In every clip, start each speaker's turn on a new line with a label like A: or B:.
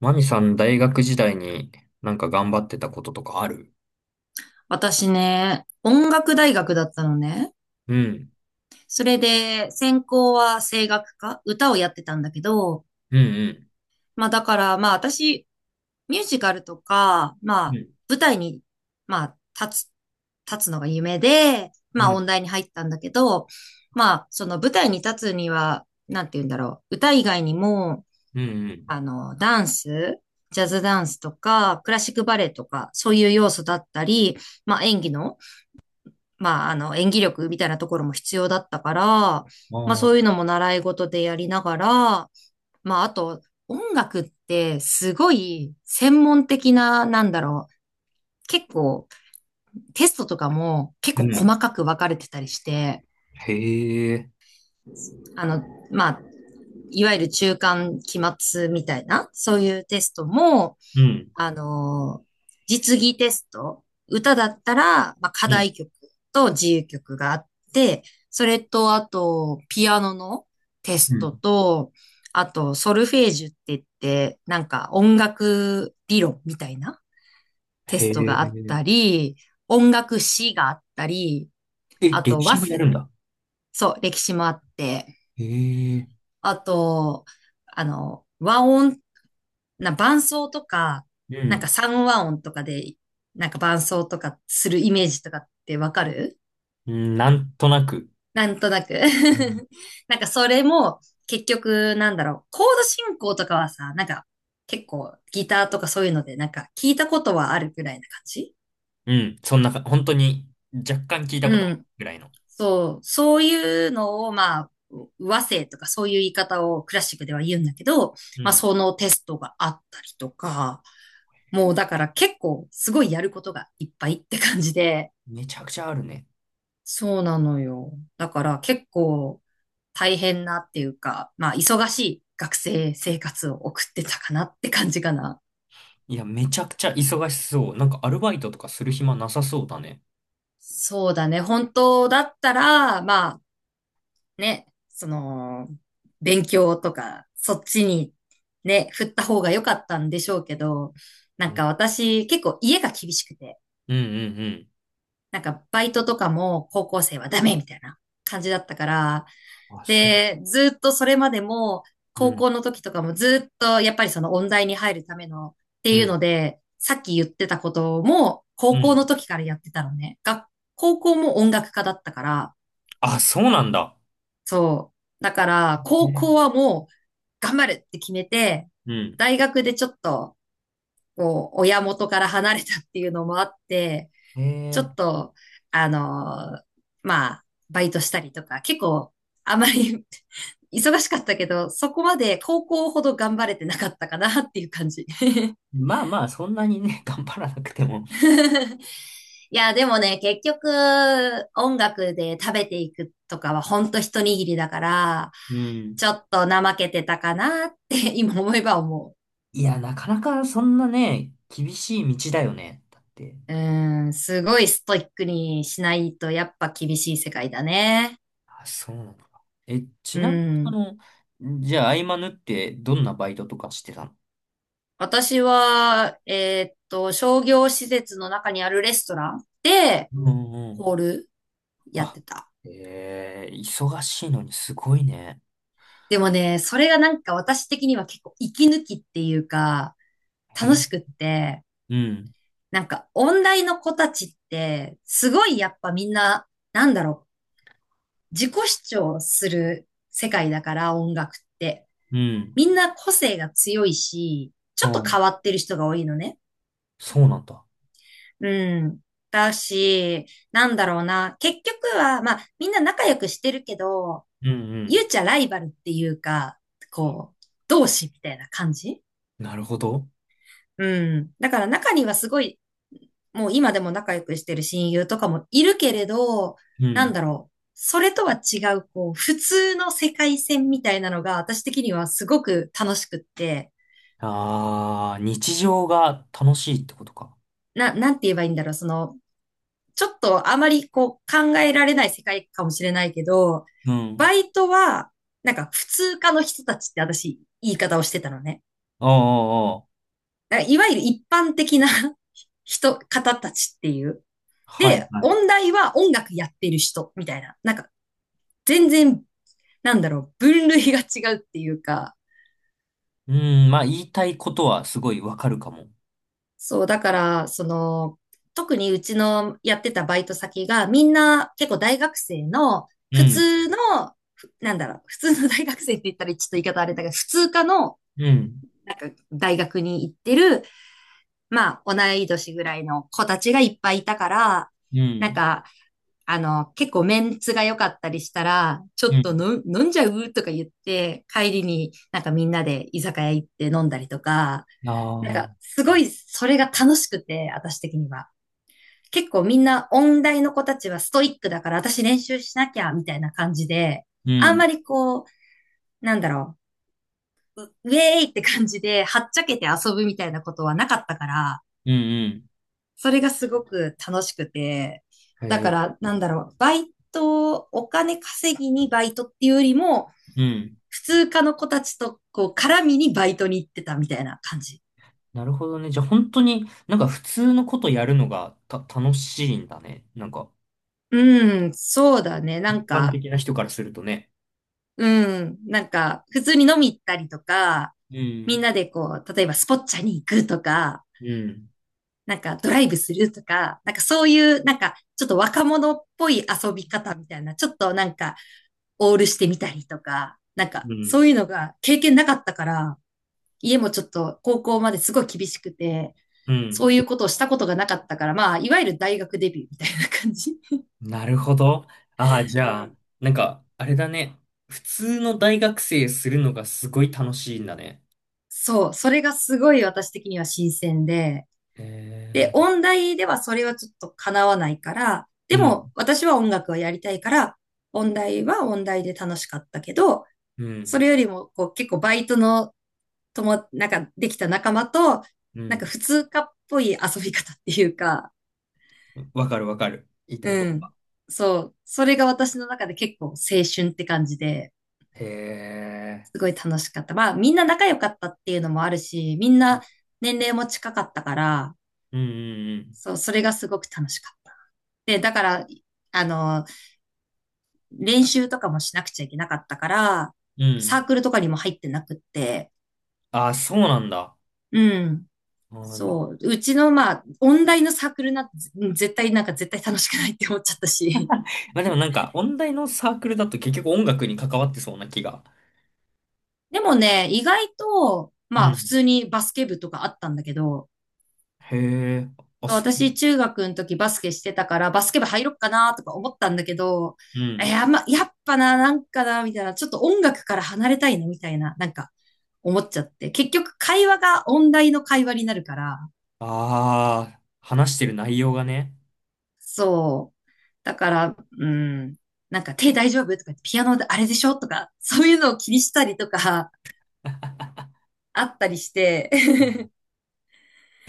A: マミさん、大学時代になんか頑張ってたこととかある？
B: 私ね、音楽大学だったのね。
A: うん、
B: それで、専攻は声楽科、歌をやってたんだけど、
A: うん、
B: まあだからまあ私、ミュージカルとか、ま
A: うん、う
B: あ
A: ん、
B: 舞台に、まあ立つ、立つのが夢で、
A: う
B: まあ
A: ん、
B: 音大に入ったんだけど、まあその舞台に立つには、なんて言うんだろう、歌以外にも、
A: うん
B: ダンス、ジャズダンスとか、クラシックバレエとか、そういう要素だったり、まあ演技の、まあ、演技力みたいなところも必要だったから、
A: う
B: まあ、
A: ん。ああー、
B: そういうのも習い事でやりながら、まあ、あと、音楽ってすごい専門的な、なんだろう、結構テストとかも結
A: う
B: 構
A: ん。
B: 細かく分かれてたりして、
A: へえ、
B: あの、まあ、いわゆる中間期末みたいな、そういうテストも、
A: うん、
B: あの、実技テスト、歌だったら、まあ、課
A: うん、
B: 題曲と自由曲があって、それと、あと、ピアノのテ
A: う
B: ス
A: ん。
B: トと、あと、ソルフェージュって言って、なんか音楽理論みたいなテ
A: へ
B: スト
A: え。
B: があったり、音楽史があったり、
A: え、
B: あ
A: 歴
B: と、
A: 史もやるんだ。
B: そう、歴史もあって、
A: へえ、
B: あと、和音な、伴奏とか、
A: う
B: なんか
A: ん、
B: 三和音とかで、なんか伴奏とかするイメージとかってわかる？
A: うん、なんとなく。
B: なんとなく
A: うん、
B: なんかそれも、結局、なんだろう、コード進行とかはさ、なんか、結構ギターとかそういうので、なんか聞いたことはあるくらいな感じ。
A: うん、そんなか、本当に若干聞いた
B: う
A: ことある
B: ん。
A: ぐらいの。
B: そう、そういうのを、まあ、和声とかそういう言い方をクラシックでは言うんだけど、
A: う
B: まあ、
A: ん。
B: そのテストがあったりとか、
A: へ
B: もう
A: え、
B: だから結構すごいやることがいっぱいって感じで、
A: めちゃくちゃあるね。
B: そうなのよ。だから結構大変なっていうか、まあ忙しい学生生活を送ってたかなって感じかな。
A: いや、めちゃくちゃ忙しそう。なんかアルバイトとかする暇なさそうだね。
B: そうだね。本当だったら、まあね、その、勉強とか、そっちにね、振った方が良かったんでしょうけど、な
A: う
B: ん
A: ん、
B: か私結構家が厳しくて、
A: うん、うん。うん、
B: なんかバイトとかも高校生はダメみたいな感じだったから、
A: あ、そう。
B: で、ずっとそれまでも、
A: う
B: 高
A: ん
B: 校の時とかもずっとやっぱりその音大に入るためのって
A: う
B: いう
A: ん。
B: ので、さっき言ってたことも
A: う
B: 高校の
A: ん。
B: 時からやってたのね。高校も音楽家だったから、
A: あ、そうなんだ。
B: そう。だから、高校
A: ね。
B: はもう、頑張るって決めて、
A: うん。
B: 大学でちょっと、こう、親元から離れたっていうのもあって、
A: え
B: ちょっ
A: え。
B: と、あのーまあ、バイトしたりとか、結構、あまり 忙しかったけど、そこまで高校ほど頑張れてなかったかなっていう感じ。
A: まあまあ、そんなにね、頑張らなくても。
B: いや、でもね、結局、音楽で食べていくとかはほんと一握りだから、
A: うん。
B: ちょっと怠けてたかなって 今思えば思
A: いや、なかなかそんなね、厳しい道だよね。だって。
B: う。うん、すごいストイックにしないとやっぱ厳しい世界だね。
A: あ、そうなのか。え、ち
B: う
A: なみに、
B: ん。
A: じゃあ、合間縫ってどんなバイトとかしてたの？
B: 私は、商業施設の中にあるレストランで、
A: うんうん。
B: ホールやっ
A: あ、
B: てた。
A: ええ、忙しいのにすごいね。
B: でもね、それがなんか私的には結構息抜きっていうか、楽
A: え、
B: しくって、
A: うん、
B: なんか、音大の子たちって、すごいやっぱみんな、なんだろう、自己主張する世界だから、音楽って。
A: うん、
B: みんな個性が強いし、ち
A: う
B: ょっと
A: ん、
B: 変わってる人が多いのね。
A: そうなんだ。
B: うん。だし、なんだろうな。結局は、まあ、みんな仲良くしてるけど、
A: うんう
B: ゆ
A: ん。
B: うちゃライバルっていうか、こう、同志みたいな感じ。
A: なるほど。
B: うん。だから中にはすごいもう今でも仲良くしてる親友とかもいるけれど、
A: う
B: なん
A: ん。
B: だろう。それとは違う、こう、普通の世界線みたいなのが、私的にはすごく楽しくって、
A: ああ、日常が楽しいってことか。
B: なんて言えばいいんだろう。その、ちょっとあまりこう、考えられない世界かもしれないけど、
A: うん。
B: バイトは、なんか普通科の人たちって私、言い方をしてたのね。
A: おうおうおう。
B: だからいわゆる一般的な 人、方たちっていう。
A: はい、
B: で、
A: はい。
B: 音大は音楽やってる人、みたいな。なんか、全然なんだろう、分類が違うっていうか、
A: うん、まあ言いたいことはすごいわかるかも。
B: そう、だから、その、特にうちのやってたバイト先が、みんな結構大学生の、
A: う
B: 普
A: ん、
B: 通の、なんだろう、普通の大学生って言ったらちょっと言い方あれだけど、普通科の、
A: うん、
B: なんか大学に行ってる、まあ、同い年ぐらいの子たちがいっぱいいたから、
A: う
B: なん
A: ん、
B: か、結構メンツが良かったりしたら、ちょ
A: う
B: っと
A: ん。
B: の飲んじゃうとか言って、帰りになんかみんなで居酒屋行って飲んだりとか、
A: あ
B: なん
A: あ、
B: か、すごい、それが楽しくて、私的には。結構みんな、音大の子たちはストイックだから、私練習しなきゃ、みたいな感じで、
A: う
B: あんま
A: ん、
B: りこう、なんだろう、ウェーイって感じで、はっちゃけて遊ぶみたいなことはなかったから、
A: うん、うん、
B: それがすごく楽しくて、だ
A: へ
B: か
A: え、
B: ら、なんだろう、バイト、お金稼ぎにバイトっていうよりも、
A: うん。
B: 普通科の子たちと、こう、絡みにバイトに行ってたみたいな感じ。
A: なるほどね。じゃあ本当になんか普通のことやるのが楽しいんだね。なんか
B: うん、そうだね。な
A: 一
B: ん
A: 般
B: か、
A: 的な人からするとね。
B: うん。なんか、普通に飲み行ったりとか、
A: う
B: みん
A: ん。
B: なでこう、例えばスポッチャに行くとか、
A: うん、
B: なんかドライブするとか、なんかそういう、なんかちょっと若者っぽい遊び方みたいな、ちょっとなんかオールしてみたりとか、なんか
A: う
B: そ
A: ん、
B: ういうのが経験なかったから、家もちょっと高校まですごい厳しくて、
A: う
B: そ
A: ん。
B: ういうことをしたことがなかったから、まあ、いわゆる大学デビューみたいな感じ。
A: なるほど。ああ、じゃ
B: う
A: あ、
B: ん。
A: なんか、あれだね。普通の大学生するのがすごい楽しいんだね。
B: そう、それがすごい私的には新鮮で、
A: へ
B: で、
A: えー。
B: 音大ではそれはちょっと叶わないから、
A: う
B: でも
A: ん、
B: 私は音楽をやりたいから、音大は音大で楽しかったけど、
A: う
B: そ
A: ん、
B: れよりもこう結構バイトのなんかできた仲間と、
A: う
B: なんか
A: ん。
B: 普通科っぽい遊び方っていうか、
A: わかるわかる。言いたいこ
B: う
A: とが。
B: ん。そう。それが私の中で結構青春って感じで、
A: へえ。
B: すごい楽しかった。まあみんな仲良かったっていうのもあるし、みんな年齢も近かったから、
A: うん、
B: そう、それがすごく楽しかった。で、だから、あの、練習とかもしなくちゃいけなかったから、
A: うん、うん。う
B: サー
A: ん。
B: クルとかにも入ってなくって、
A: ああ、そうなんだ。
B: うん。
A: うん、
B: そう。うちの、まあ、音大のサークルなんて、うん絶対、なんか絶対楽しくないって思っちゃったし。
A: まあでもなんか、音大のサークルだと結局音楽に関わってそうな気が。
B: でもね、意外と、
A: う
B: まあ、普
A: ん。
B: 通にバスケ部とかあったんだけど、
A: へえ。あ、
B: そう
A: そう。
B: 私、中学の時バスケしてたから、バスケ部入ろっかなとか思ったんだけど、
A: う
B: い
A: ん。
B: や、まあ、やっぱな、なんかな、みたいな、ちょっと音楽から離れたいな、みたいな、なんか、思っちゃって。結局、会話が音大の会話になるから、
A: ああ、話してる内容がね。
B: そう。だから、うん。なんか手大丈夫とか、ピアノであれでしょとか、そういうのを気にしたりとか、あったりして、
A: うん、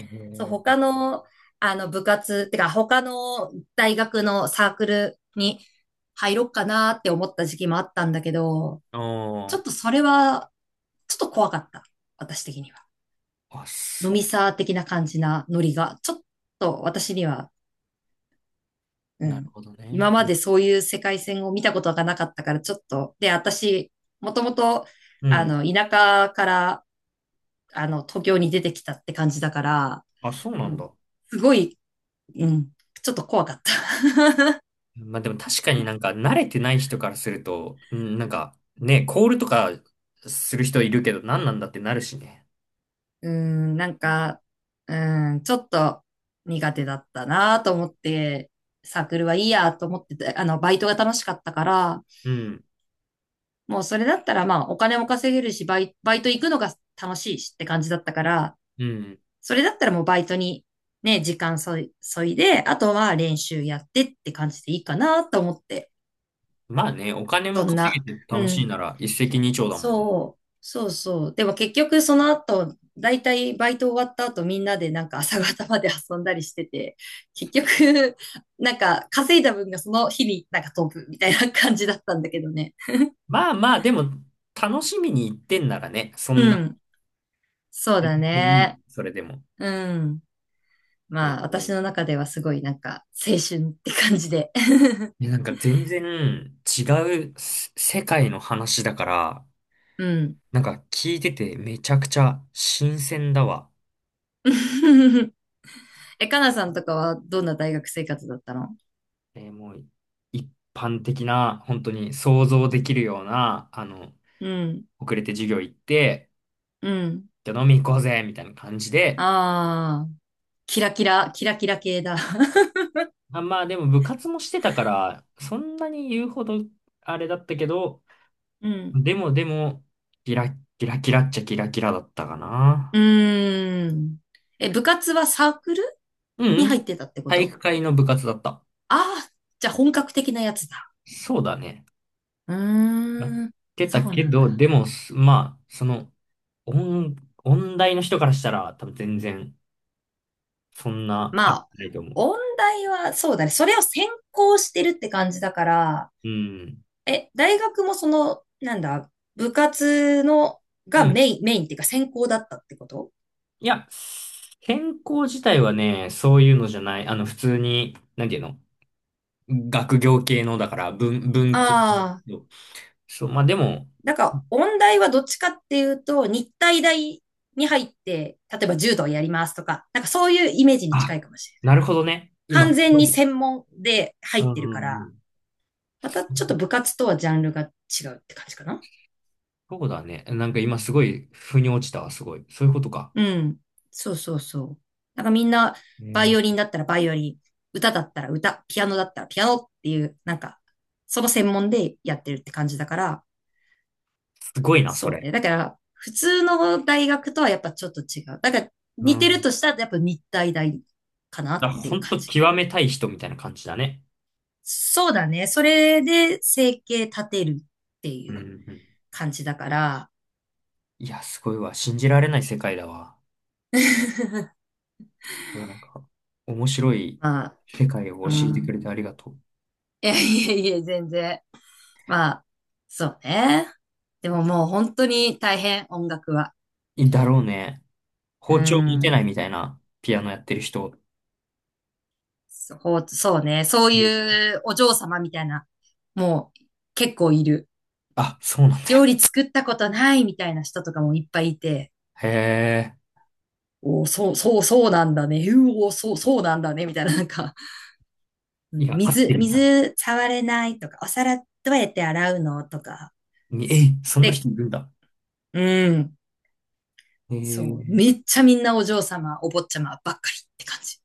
A: へ
B: そう、他
A: え。
B: の、部活、てか、他の大学のサークルに入ろうかなって思った時期もあったんだけど、
A: う
B: ちょ
A: ん。
B: っとそれは、ちょっと怖かった。私的には。
A: あ、
B: 飲
A: そ
B: み
A: う、
B: サー的な感じなノリが、ちょっと私には。う
A: なる
B: ん。
A: ほどね。
B: 今までそういう世界線を見たことがなかったから、ちょっと、で、私、もともと、
A: うん。
B: 田舎から、東京に出てきたって感じだから、
A: あ、そうな
B: う
A: ん
B: ん、
A: だ。
B: すごい、うん、ちょっと怖かった。
A: まあでも確かになんか慣れてない人からすると、うん、なんかね、コールとかする人いるけど何なんだってなるしね。
B: うん、なん
A: うん
B: か、うん、ちょっと苦手だったなと思って、サークルはいいやと思ってて、バイトが楽しかったから、
A: うん。
B: もうそれだったらまあ、お金も稼げるし、バイト行くのが楽しいしって感じだったから、それだったらもうバイトにね、時間そい、そいで、あとは練習やってって感じでいいかなと思って。
A: まあね、お金も
B: そん
A: 稼
B: な。
A: げて楽
B: う
A: しい
B: ん。
A: なら一石二鳥だもんね。
B: そう。そうそう。でも結局その後、だいたいバイト終わった後みんなでなんか朝方まで遊んだりしてて、結局、なんか稼いだ分がその日になんか飛ぶみたいな感じだったんだけどね。
A: まあまあ、でも楽しみに行ってんならね、そん
B: う
A: な、
B: ん。そう
A: 全
B: だ
A: 然いい。
B: ね。
A: それでも。
B: うん。
A: え
B: まあ私
A: ー、
B: の中ではすごいなんか青春って感じで。
A: いやなんか全然違う世界の話だから、
B: うん。
A: なんか聞いててめちゃくちゃ新鮮だわ。
B: え、かなさんとかはどんな大学生活だったの？
A: もう一般的な、本当に想像できるような、
B: うん、
A: 遅れて授業行って、
B: うん。
A: じゃあ飲み行こうぜみたいな感じで、
B: ああ、キラキラ、キラキラ系だ。
A: あ、まあでも部活もしてたから、そんなに言うほどあれだったけど、
B: うん。
A: でもでも、キラッキラキラっちゃキラキラだったか
B: う
A: な。
B: ーん。え、部活はサークル
A: うん
B: に
A: うん、
B: 入ってたってこ
A: 体
B: と？
A: 育会の部活だった。
B: ああ、じゃあ本格的なやつだ。
A: そうだね。
B: う
A: なっ
B: ーん。
A: て
B: そ
A: た
B: う
A: け
B: なん
A: ど、
B: だ。
A: でも、まあ、音、音大の人からしたら、多分全然、そんな、あ
B: ま
A: れ
B: あ、
A: ないと思う。
B: 音大はそうだね。それを専攻してるって感じだから、
A: うん。
B: え、大学もその、なんだ、部活の、
A: う
B: が
A: ん。
B: メイン、メインっていうか専攻だったってこと？
A: いや、専攻自体はね、そういうのじゃない。普通に、なんていうの？学業系の、だから、文系なんだ
B: ああ、
A: けど。そう、まあでも、
B: なんか、音大はどっちかっていうと、日体大に入って、例えば柔道やりますとか、なんかそういうイメージに
A: あ、
B: 近いかもしれない。
A: なるほどね。今、
B: 完
A: す
B: 全
A: ご
B: に
A: い。
B: 専門で入
A: うん
B: ってるか
A: うんう
B: ら、
A: ん。
B: また
A: そ
B: ちょっと
A: う
B: 部活とはジャンルが違うって感じかな。
A: そうだね。なんか今すごい、腑に落ちたわ、すごい。そういうことか。
B: うん。そうそうそう。なんかみんな、
A: え
B: バイオリン
A: ー、
B: だったらバイオリン、歌だったら歌、ピアノだったらピアノっていう、なんか、その専門でやってるって感じだから、
A: すごいな、そ
B: そう
A: れ。
B: ね。だから、普通の大学とはやっぱちょっと違う。だから、
A: う
B: 似てる
A: ん、
B: としたら、やっぱ日体大かなってい
A: ほ
B: う
A: ん
B: 感
A: と
B: じ。
A: 極めたい人みたいな感じだね。
B: そうだね。それで生計立てるって
A: うん
B: い
A: うん
B: う
A: うん。
B: 感じだから、
A: いや、すごいわ。信じられない世界だわ。なんか、面白い
B: まあ、
A: 世界を
B: う
A: 教えてく
B: ん。
A: れてありがとう。
B: いやいやいや、全然。まあ、そうね。でももう本当に大変、音楽は。
A: いだろうね。
B: う
A: 包丁持てない
B: ん。
A: みたいなピアノやってる人。
B: そう、そうね。そう
A: うん、
B: いうお嬢様みたいな、もう結構いる。
A: あ、そうなんだよ。
B: 料理作ったことないみたいな人とかもいっぱいいて、
A: へえ。
B: おーそう、そう、そうなんだね。うおー、そう、そうなんだね。みたいな、なんか、う
A: い
B: ん
A: や、合ってるんだ。
B: 水触れないとか、お皿どうやって洗うのとか。
A: え、そんな
B: で、
A: 人いるんだ。
B: うん、
A: へ
B: そう、
A: え。
B: めっちゃみんなお嬢様、お坊ちゃまばっかりって感じ。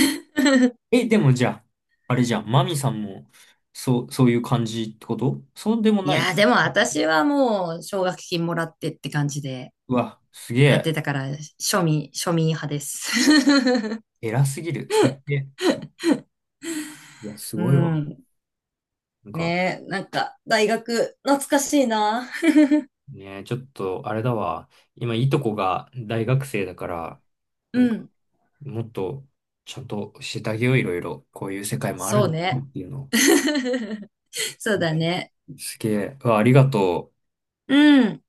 A: え、でもじゃあ、あれじゃん。マミさんも、そう、そういう感じってこと？そうでも
B: い
A: ない？
B: やー、でも私はもう、奨学金もらってって感じで
A: うわ、すげ
B: やって
A: え。
B: たから、庶民派です。
A: 偉すぎる。尊敬。いや、す
B: う
A: ごいわ。
B: ん。
A: なんか、
B: ねえ、なんか、大学、懐かしいな。
A: ね、ちょっと、あれだわ。今、いとこが大学生だから、
B: う
A: なんか、
B: ん。
A: もっと、ちゃんと教えてあげよう、いろいろ。こういう世界もあるん
B: そ
A: だ
B: う
A: よ
B: ね。
A: っていうのを。
B: そうだね。
A: すげえ。うわ、ありがとう。
B: うん。